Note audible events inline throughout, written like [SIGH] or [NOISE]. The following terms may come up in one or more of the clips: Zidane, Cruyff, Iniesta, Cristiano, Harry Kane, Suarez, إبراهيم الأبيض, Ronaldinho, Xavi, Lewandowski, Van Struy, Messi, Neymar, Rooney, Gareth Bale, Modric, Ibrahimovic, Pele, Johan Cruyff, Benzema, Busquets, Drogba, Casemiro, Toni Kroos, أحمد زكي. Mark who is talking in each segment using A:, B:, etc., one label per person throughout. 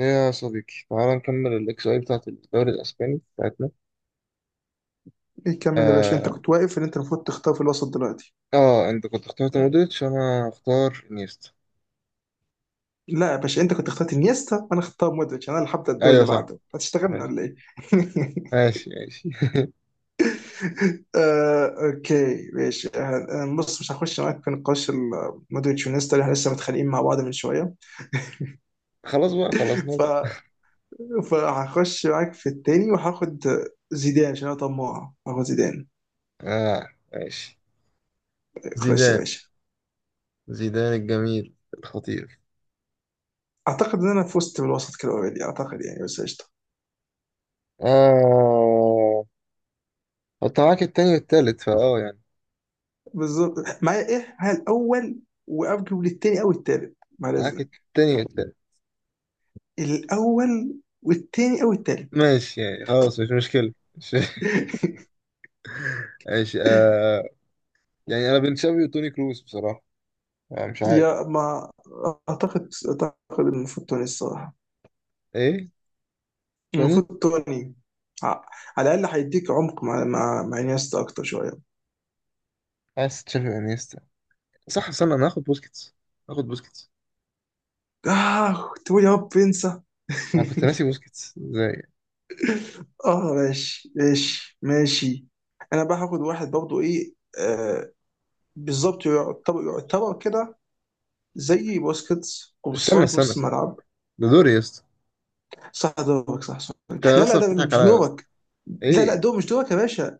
A: ايه يا صديقي، تعال نكمل الاكس اي بتاعت الدوري الاسباني بتاعتنا.
B: إيه، كمل يا باشا. انت
A: اه,
B: كنت واقف ان انت المفروض تختار في الوسط دلوقتي.
A: آه انت كنت اخترت مودريتش، انا اختار انيستا.
B: لا يا باشا، انت كنت اخترت انيستا وانا اختار مودريتش. انا اللي هبدا الدوري
A: ايوه
B: اللي
A: صح.
B: بعده. هتشتغلنا
A: ماشي.
B: ولا ايه؟
A: ماشي ماشي. [LAUGHS]
B: [LAUGHS] آه، اوكي ماشي. بص، مش هخش معاك في نقاش مودريتش وانيستا اللي احنا لسه متخانقين مع بعض من شويه.
A: خلاص بقى، خلصنا
B: ف...
A: بقى.
B: فهخش معاك في التاني وهاخد زيدان. عشان انا طماع هاخد زيدان.
A: اه ماشي.
B: خش يا
A: زيدان.
B: باشا.
A: زيدان الجميل الخطير.
B: اعتقد ان انا فزت بالوسط كده اوريدي، اعتقد يعني، بس قشطه.
A: اه، حط معاك التاني والتالت فاه يعني.
B: بالظبط، معايا ايه؟ معايا الاول، وارجو للتاني او التالت بعد
A: معاك
B: اذنك.
A: التاني والتالت.
B: الاول والتاني او التالت.
A: ماشي يعني، خلاص مش مشكلة. [LAUGHS]
B: [LAUGHS]
A: ماشي آه. يعني انا بين تشافي وتوني كروس بصراحة. آه مش عارف.
B: يا ما، اعتقد المفروض توني الصراحه.
A: ايه. توني.
B: المفروض توني. ع- على الاقل هيديك عمق مع انيستا اكتر شويه.
A: عايز تشافي وانيستا؟ صح، استنى، انا هاخد بوسكيتس. هاخد بوسكيتس.
B: اه، تقول يا رب انسى. [LAUGHS]
A: انا كنت ناسي بوسكيتس ازاي.
B: اه، ماشي ماشي ماشي. انا بقى هاخد واحد برضه، ايه، آه، بالظبط. يعتبر كده زي بوسكيتس
A: استنى
B: قرصان في
A: استنى
B: نص
A: استنى،
B: الملعب.
A: ده دوري يا اسطى.
B: صح، دورك، صح صح.
A: انت يا
B: لا لا،
A: اسطى
B: ده
A: بتضحك
B: مش
A: عليا يا اسطى.
B: دورك. لا لا،
A: ايه.
B: دور مش دورك يا باشا.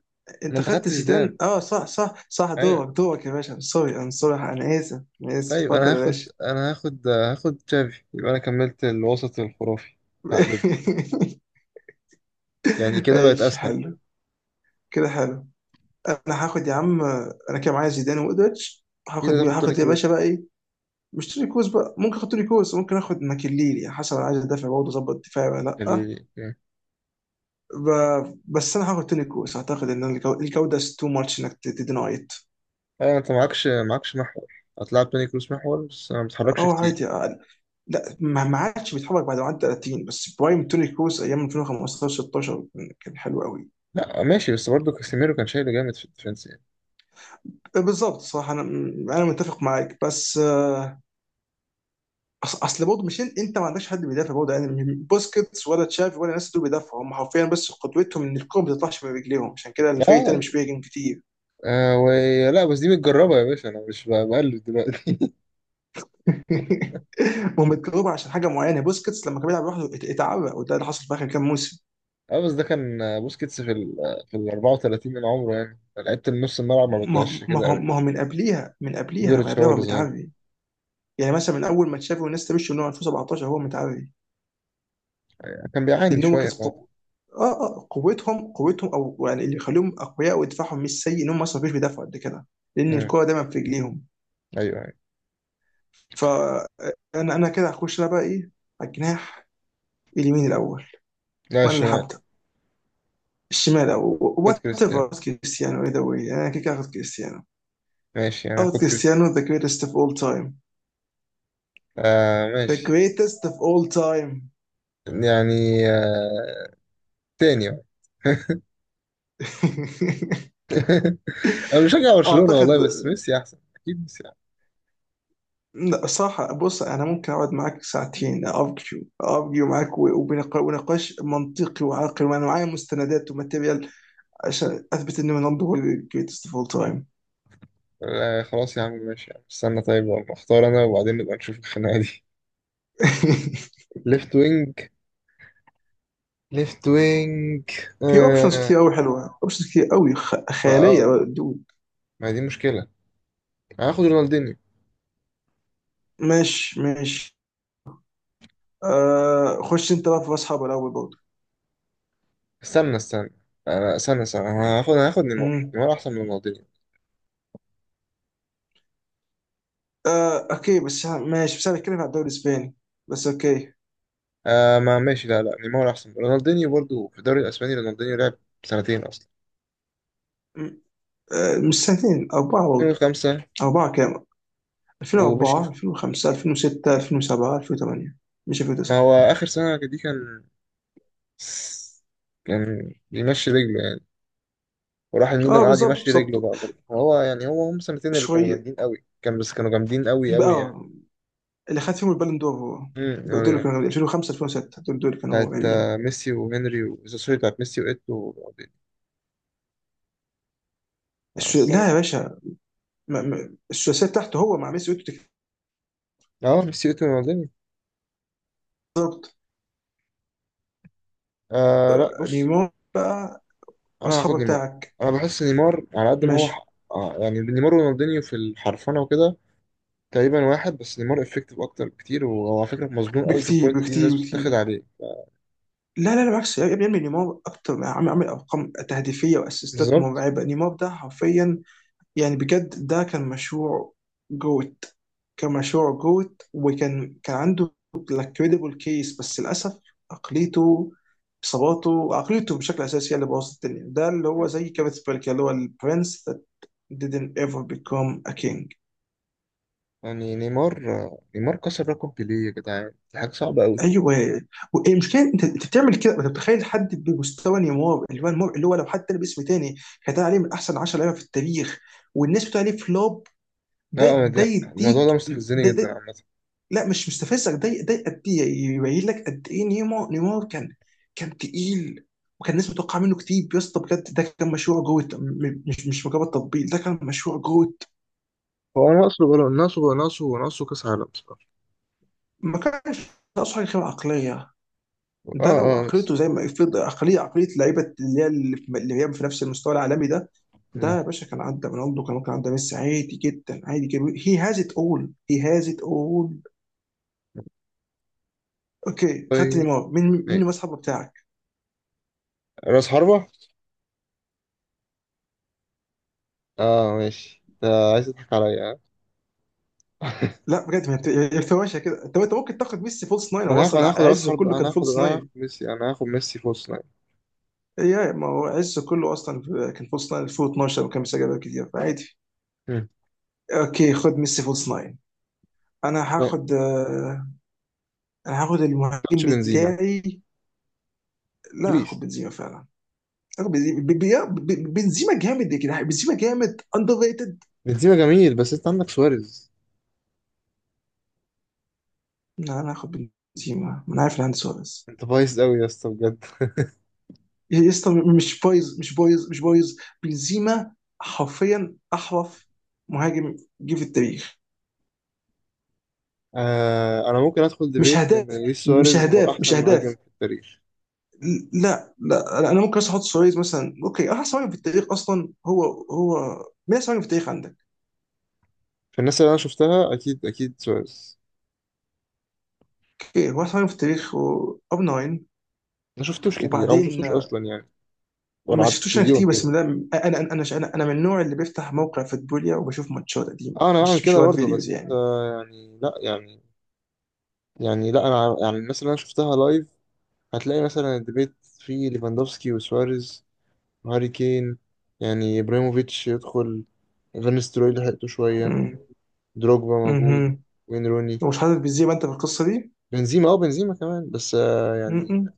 A: ما
B: انت
A: انت
B: خدت
A: خدت زيدان.
B: زيدان. اه، صح صح صح،
A: ايوه.
B: دورك دورك يا باشا. سوري، انا سوري، انا اسف، انا اسف.
A: طيب، انا
B: اتفضل يا
A: هاخد
B: باشا.
A: انا هاخد هاخد تشافي، يبقى انا كملت الوسط الخرافي بتاع بيب.
B: [LAUGHS]
A: يعني كده بقت
B: ماشي
A: اسهل.
B: حلو. كده حلو. انا هاخد يا عم. انا كده معايا زيدان ومودريتش. هاخد
A: كده
B: مين؟
A: تاخد توني
B: هاخد يا
A: كروز
B: باشا بقى ايه. مش توني كوز بقى، ممكن اخد توني كوز، ممكن اخد ماكليلي. يعني حسب، انا عايز ادافع برضه، اظبط دفاعي ولا. لا،
A: يعني.
B: ب... بس انا هاخد توني كوز. اعتقد ان الجوده تو ماتش انك تدينايت.
A: ايوه، انت معكش محور. هتلعب توني كروز محور بس ما بتحركش
B: او
A: كتير.
B: عادي يعني. لا، ما عادش بيتحرك بعد ما عدى 30. بس برايم توني كروز ايام 2015 16 كان حلو قوي.
A: لا ماشي، بس برضه كاسيميرو كان شايله جامد في الديفنس يعني.
B: بالظبط صح. انا انا متفق معاك بس. اصل برضه مش انت ما عندكش حد بيدافع برضه. يعني بوسكيتس ولا تشافي ولا الناس دول بيدافعوا، هم حرفيا بس قدوتهم ان الكوره ما بتطلعش من رجليهم. عشان كده الفريق التاني
A: اه.
B: مش بيهاجم كتير.
A: آه. ولا بس دي متجربة يا باشا، أنا مش ب- بقلد دلوقتي.
B: [LAUGHS] هم اتكرهوا عشان حاجه معينه. بوسكيتس لما كان بيلعب لوحده اتعرق، وده اللي حصل في اخر كام موسم.
A: اه بس ده كان، بوسكيتس في ال 34 من عمره يعني، لعيبة النص الملعب ما بتعيش كده قوي.
B: ما هو من
A: مودريتش
B: قبليها
A: هو
B: هو
A: اللي ظاهر.
B: متعري. يعني مثلا من اول ما تشافي والناس تمشي، من هو 2017 هو متعري.
A: كان بيعاني
B: لان هو
A: شوية فعلا.
B: اه قوتهم او يعني اللي يخليهم اقوياء، ودفاعهم مش سيء، ان هم اصلا مش بيدافعوا قد كده، لان
A: مم.
B: الكوره دايما في رجليهم.
A: ايوه ايوه.
B: فانا انا أنا كده هخش، انا بقى ايه، على الجناح اليمين الاول.
A: لا،
B: وانا اللي
A: الشمال.
B: هبدا الشمال، او
A: خد
B: وات
A: كريستيانو.
B: ايفر. كريستيانو اي ذا واي، انا كده هاخد كريستيانو.
A: ماشي يعني،
B: اخد
A: خد كريستيانو.
B: كريستيانو، ذا جريتست اوف اول تايم.
A: آه
B: ذا
A: ماشي.
B: جريتست اوف اول تايم.
A: يعني آه. تاني بقى. [LAUGHS]
B: [LAUGHS]
A: انا بشجع برشلونة
B: اعتقد،
A: والله، بس ميسي احسن، اكيد ميسي احسن.
B: لا صراحة، بص، أنا ممكن أقعد معاك ساعتين، أرجو معاك، ونقاش منطقي وعاقل، وأنا معايا مستندات وماتيريال عشان أثبت إن رونالدو هو ال greatest of all time.
A: آه خلاص يا عم، ماشي يا عم. استنى، طيب والله اختار انا وبعدين نبقى نشوف الخناقة دي.
B: [LAUGHS]
A: ليفت وينج. ليفت وينج.
B: في أوبشنز
A: آه.
B: كتير أوي حلوة، أوبشنز كتير أوي
A: ما اه،
B: خيالية بقى، دود.
A: ما هي دي مشكلة. هاخد رونالدينيو.
B: ماشي ماشي. آه، خش أنت بقى في أصحاب الأول برضه.
A: استنى استنى. انا استنى استنى، أنا هاخد نيمار.
B: أمم.
A: نيمار احسن من رونالدينيو.
B: آه أوكي بس ماشي. بس أنا بتكلم عن الدوري الإسباني بس. أوكي.
A: آه ما ماشي. لا لا، نيمار احسن رونالدينيو برضو في الدوري الاسباني. رونالدينيو لعب سنتين اصلا.
B: أمم. آه، مش سنتين، أربعة برضه.
A: 2005.
B: أربعة كام؟
A: ومشي
B: 2004،
A: في-
B: 2005، 2006، 2007، 2008. مش
A: ما
B: 2009؟
A: هو اخر سنه دي كان بيمشي رجله يعني. وراح الميلان
B: اه
A: قعد
B: بالظبط
A: يمشي
B: بالظبط،
A: رجله بقى برضه، هو يعني هو هم سنتين اللي كانوا
B: شويه.
A: جامدين قوي، كان بس كانوا جامدين قوي قوي يعني.
B: اه، اللي خد فيهم البالون دور هو. دول اللي
A: ايوه.
B: كانوا 2005، 2006. دول اللي كانوا
A: بتاعت
B: مرعبين.
A: ميسي وهنري سوري، بتاعت ميسي وايتو ورونالدينيو. بس
B: لا
A: انا.
B: يا باشا، الثلاثيه بتاعته هو مع ميسي وتوتي.
A: اه، ميسي وايتو ورونالدينيو. آه لا بص.
B: نيمار بقى
A: انا هاخد
B: واصحابه
A: نيمار.
B: بتاعك.
A: انا بحس نيمار على قد ما هو
B: ماشي.
A: ح... آه يعني، نيمار ورونالدينيو في الحرفنه وكده تقريبا واحد، بس نيمار افكتيف اكتر بكتير، وهو على فكره مظلوم قوي في
B: بكتير
A: البوينت دي
B: بكتير
A: الناس
B: بكتير.
A: بتتاخد عليه.
B: لا لا لا، بالعكس يا ابني يا ابني، نيمار اكتر، عامل ارقام تهديفيه واسيستات
A: بالظبط.
B: مرعبه. نيمار ده حرفيا، يعني بجد، ده كان مشروع جوت. كان مشروع جوت، وكان عنده كريديبل كيس، بس للاسف عقليته، اصاباته، عقليته بشكل اساسي هي اللي بوظت الدنيا. ده اللي هو زي كابت بيرك، اللي هو البرنس that didn't ever become a king.
A: يعني نيمار كسر رقم بيليه يا جدعان، دي حاجه صعبه قوي.
B: ايوه، والمشكله انت بتعمل كده، انت بتخيل حد بمستوى نيمار، اللي هو نيمار اللي هو لو حد تاني باسم تاني كان عليه من احسن 10 لعيبه في التاريخ، والناس بتقول عليه فلوب.
A: لا
B: ده
A: أنا
B: ده
A: الموضوع ده
B: يديك. ده,
A: مستفزني جدا
B: ده
A: عامه.
B: لا مش مستفزك. ده قد ايه يبين لك قد ايه نيمار كان. كان تقيل. وكان الناس متوقعه منه كتير يا اسطى، بجد ده كان مشروع جوت، مش مجرد تطبيق، ده كان مشروع جوت.
A: هو ناقصه بلو... ناقصه ناقصه ناقصه كاس عالم بصراحه.
B: ما كانش ناقصه حاجه غير عقليه.
A: اه
B: ده لو
A: اه بس.
B: عقليته زي ما يفرض عقليه لعيبه اللي هي في نفس المستوى العالمي ده،
A: مم.
B: ده يا باشا كان عدى رونالدو، كان ممكن عدى ميسي، عادي جدا عادي جدا. هي هاز ات اول، هي هاز ات اول. اوكي، خدت
A: طيب
B: نيمار. مين
A: ماشي.
B: المسحب بتاعك؟
A: راس حربة. اه ماشي، آه عايز تضحك عليا ها؟ [LAUGHS]
B: لا بجد، ما انت هي الفواشة كده. طب انت ممكن تاخد ميسي فولس ناين،
A: ما
B: هو
A: انا هاخد
B: اصلا
A: انا هاخد راس
B: عزه
A: حرب،
B: كله
A: انا
B: كان
A: هاخد
B: فولس
A: انا هاخد
B: ناين.
A: ميسي. انا هاخد ميسي في وسط لاين.
B: يا ما، هو عزه كله اصلا كان فولس ناين 2012، وكان بيسجل أهداف كتير، فعادي.
A: مم.
B: اوكي، خد ميسي فولس ناين. انا
A: ما
B: هاخد. انا هاخد المهاجم
A: تاخدش بنزيما،
B: بتاعي. لا، هاخد
A: بليز.
B: بنزيما فعلا. هاخد بنزيما، بنزيما جامد يا جدعان. بنزيما جامد اندر ريتد.
A: بنزيما جميل بس انت عندك سواريز.
B: لا، انا هاخد بنزيما. ما انا عارف ان عندي سواريز.
A: انت بايظ قوي يا اسطى بجد.
B: إيه يا اسطى، مش بايظ مش بايظ مش بايظ. بنزيما حرفيا احرف مهاجم جه في التاريخ.
A: آه، انا ممكن ادخل
B: مش
A: ديبيت ان
B: هداف
A: لويس
B: مش
A: سواريز هو
B: هداف مش
A: احسن مهاجم
B: هداف.
A: في التاريخ.
B: لا لا، انا أنا ممكن بس احط سواريز مثلا. اوكي، احسن مهاجم في التاريخ اصلا هو. هو، مين احسن مهاجم في التاريخ عندك؟
A: في الناس اللي انا شفتها، اكيد اكيد سواريز.
B: اوكي، هو احسن مهاجم في التاريخ. اب 9.
A: ما شفتوش كتير، او ما
B: وبعدين
A: شفتوش
B: آه،
A: اصلا يعني، وانا
B: ما
A: على
B: شفتوش انا
A: التلفزيون
B: كتير بس
A: كده.
B: من ده. انا انا انا انا أنا من النوع اللي بيفتح موقع فوتبوليا وبشوف ماتشات قديمه،
A: اه، انا بعمل
B: مش
A: كده
B: وقت
A: برضه
B: فيديوز
A: بس
B: يعني.
A: يعني لا يعني. يعني لا انا يعني، الناس اللي انا شفتها لايف، هتلاقي مثلا الديبيت فيه ليفاندوفسكي وسواريز، هاري كين يعني، ابراهيموفيتش يدخل، فان ستروي لحقته شويه، دروجبا موجود،
B: امم.
A: وين روني.
B: ومش حاطط بنزيما انت في القصه دي.
A: بنزيما بنزيما كمان بس
B: م-
A: يعني.
B: م.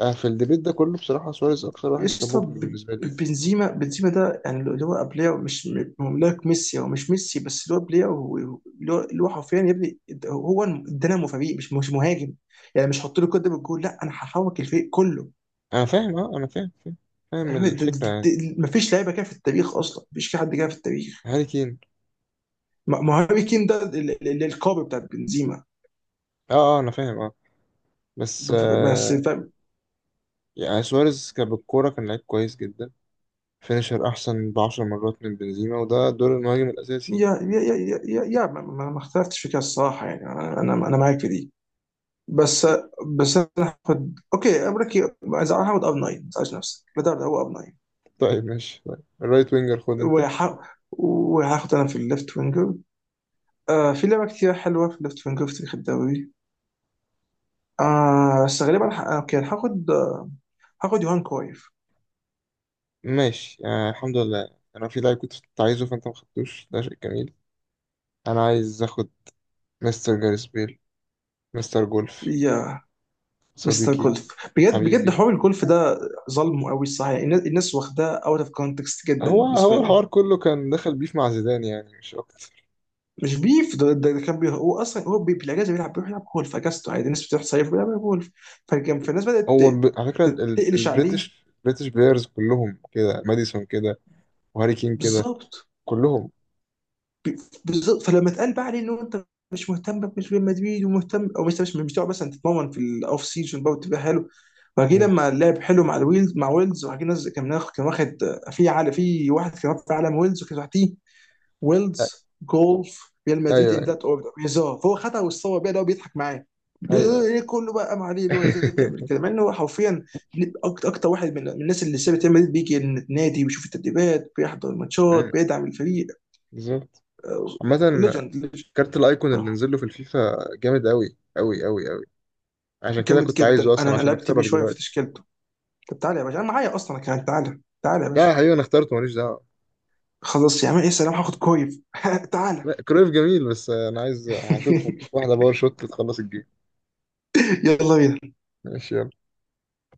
A: في الديبيت ده كله بصراحه، سواريز اكتر واحد كان
B: قشطه.
A: مبهر بالنسبه لي يعني.
B: بنزيما بنزيما ده, يعني اللي هو بلاير، مش م- هو لايك ميسي، هو مش ميسي، بس اللي هو بلاير اللي هو حرفيا يا ابني. هو دينامو فريق، مش مهاجم. يعني مش هحط له كده بالجول، لا انا هحرك الفريق كله.
A: انا فاهم، اه انا فاهم فاهم. فاهم
B: ايوه،
A: الفكره يعني.
B: مفيش لعيبه كده في التاريخ اصلا، مفيش في حد كده في التاريخ.
A: هاري كين.
B: ما هاري كين ده القاب بتاع بنزيما.
A: اه اه انا فاهم اه. بس
B: بس فاهم؟
A: يعني، سواريز كان بالكوره كان لعيب كويس جدا. فينيشر احسن ب 10 مرات من بنزيما، وده دور المهاجم الاساسي.
B: يا ما, ما اختلفتش في كده الصراحه، يعني انا انا أنا معاك في دي. بس، بس انا هاخد. اوكي، امريكي عايز، هاخد اب 9، ما تزعلش نفسك. لا ده، هو اب 9.
A: طيب ماشي، طيب الرايت وينجر خد انت.
B: وهاخد انا في الليفت وينجر. آه في لعبه كتير حلوه في الليفت وينجر في تاريخ الدوري. آه بس غالبا، اوكي هاخد. هاخد يوهان كرويف.
A: ماشي. آه الحمد لله، انا في لاعب كنت عايزه فانت ما خدتوش، ده شيء جميل. انا عايز اخد مستر جاريس بيل. مستر جولف.
B: يا مستر
A: صديقي.
B: كولف، بجد بجد
A: حبيبي.
B: حوار الكولف ده ظلمه قوي الصراحه. يعني الناس واخداه اوت اوف كونتكست جدا
A: هو
B: بالنسبه
A: هو
B: له.
A: الحوار كله كان دخل بيف مع زيدان يعني مش اكتر.
B: مش بيف، ده كان بيه. هو اصلا هو بالاجازه بيلعب، بيروح يلعب جولف في اجازته عادي. الناس بتروح تصيف، بيلعب جولف. فكان، فالناس بدات
A: هو على فكره، ال- ال-
B: تقلش عليه.
A: البريتش البريتش بلايرز كلهم كده. ماديسون كده. وهاري كين كده.
B: بالظبط.
A: كلهم.
B: ب- بالظبط. فلما اتقال بقى عليه انه انت مش مهتم بقى، مش ريال مدريد ومهتم، او مش مش مش تقعد مثلا تتمرن في الاوف سيزون بقى وتبقى حلو. وبعدين
A: مم.
B: لما لعب حلو مع الويلز مع ويلز، وبعدين كان واخد في عالم، في واحد كان واخد في عالم ويلز وكان تحتيه.
A: أ-
B: ويلز، جولف، ريال مدريد،
A: ايوه
B: ان
A: ايوه
B: ذات اوردر هزار، فهو خدها واتصور بيها. ده هو بيضحك معاه.
A: ايوه.
B: ايه كله بقى قام عليه، اللي هو ازاي تعمل
A: [LAUGHS]
B: كده مع انه هو حرفيا اكتر واحد من الناس اللي سابت ريال مدريد، بيجي النادي، بيشوف التدريبات، بيحضر الماتشات،
A: مم.
B: بيدعم الفريق.
A: بالظبط. عامة.
B: ليجند.
A: كارت الايكون اللي
B: صح.
A: نزل له في الفيفا جامد قوي قوي قوي قوي. عشان كده
B: جامد
A: كنت عايزه
B: جدا، انا
A: اصلا،
B: أنا
A: عشان
B: لعبت بيه
A: اكسبك
B: شويه في
A: دلوقتي.
B: تشكيلته. طب تعالى يا باشا، انا معايا اصلا كمان، تعالى تعالى يا
A: لا يا
B: باشا.
A: حبيبي، انا اخترته ماليش دعوه.
B: خلاص يا عم، ايه، سلام، هاخد كويف. [LAUGHS] تعالى.
A: لا كرويف جميل، بس انا عايز هشوط هديك
B: [LAUGHS]
A: واحده باور شوت تخلص الجيم.
B: يلا بينا.
A: ماشي يلا.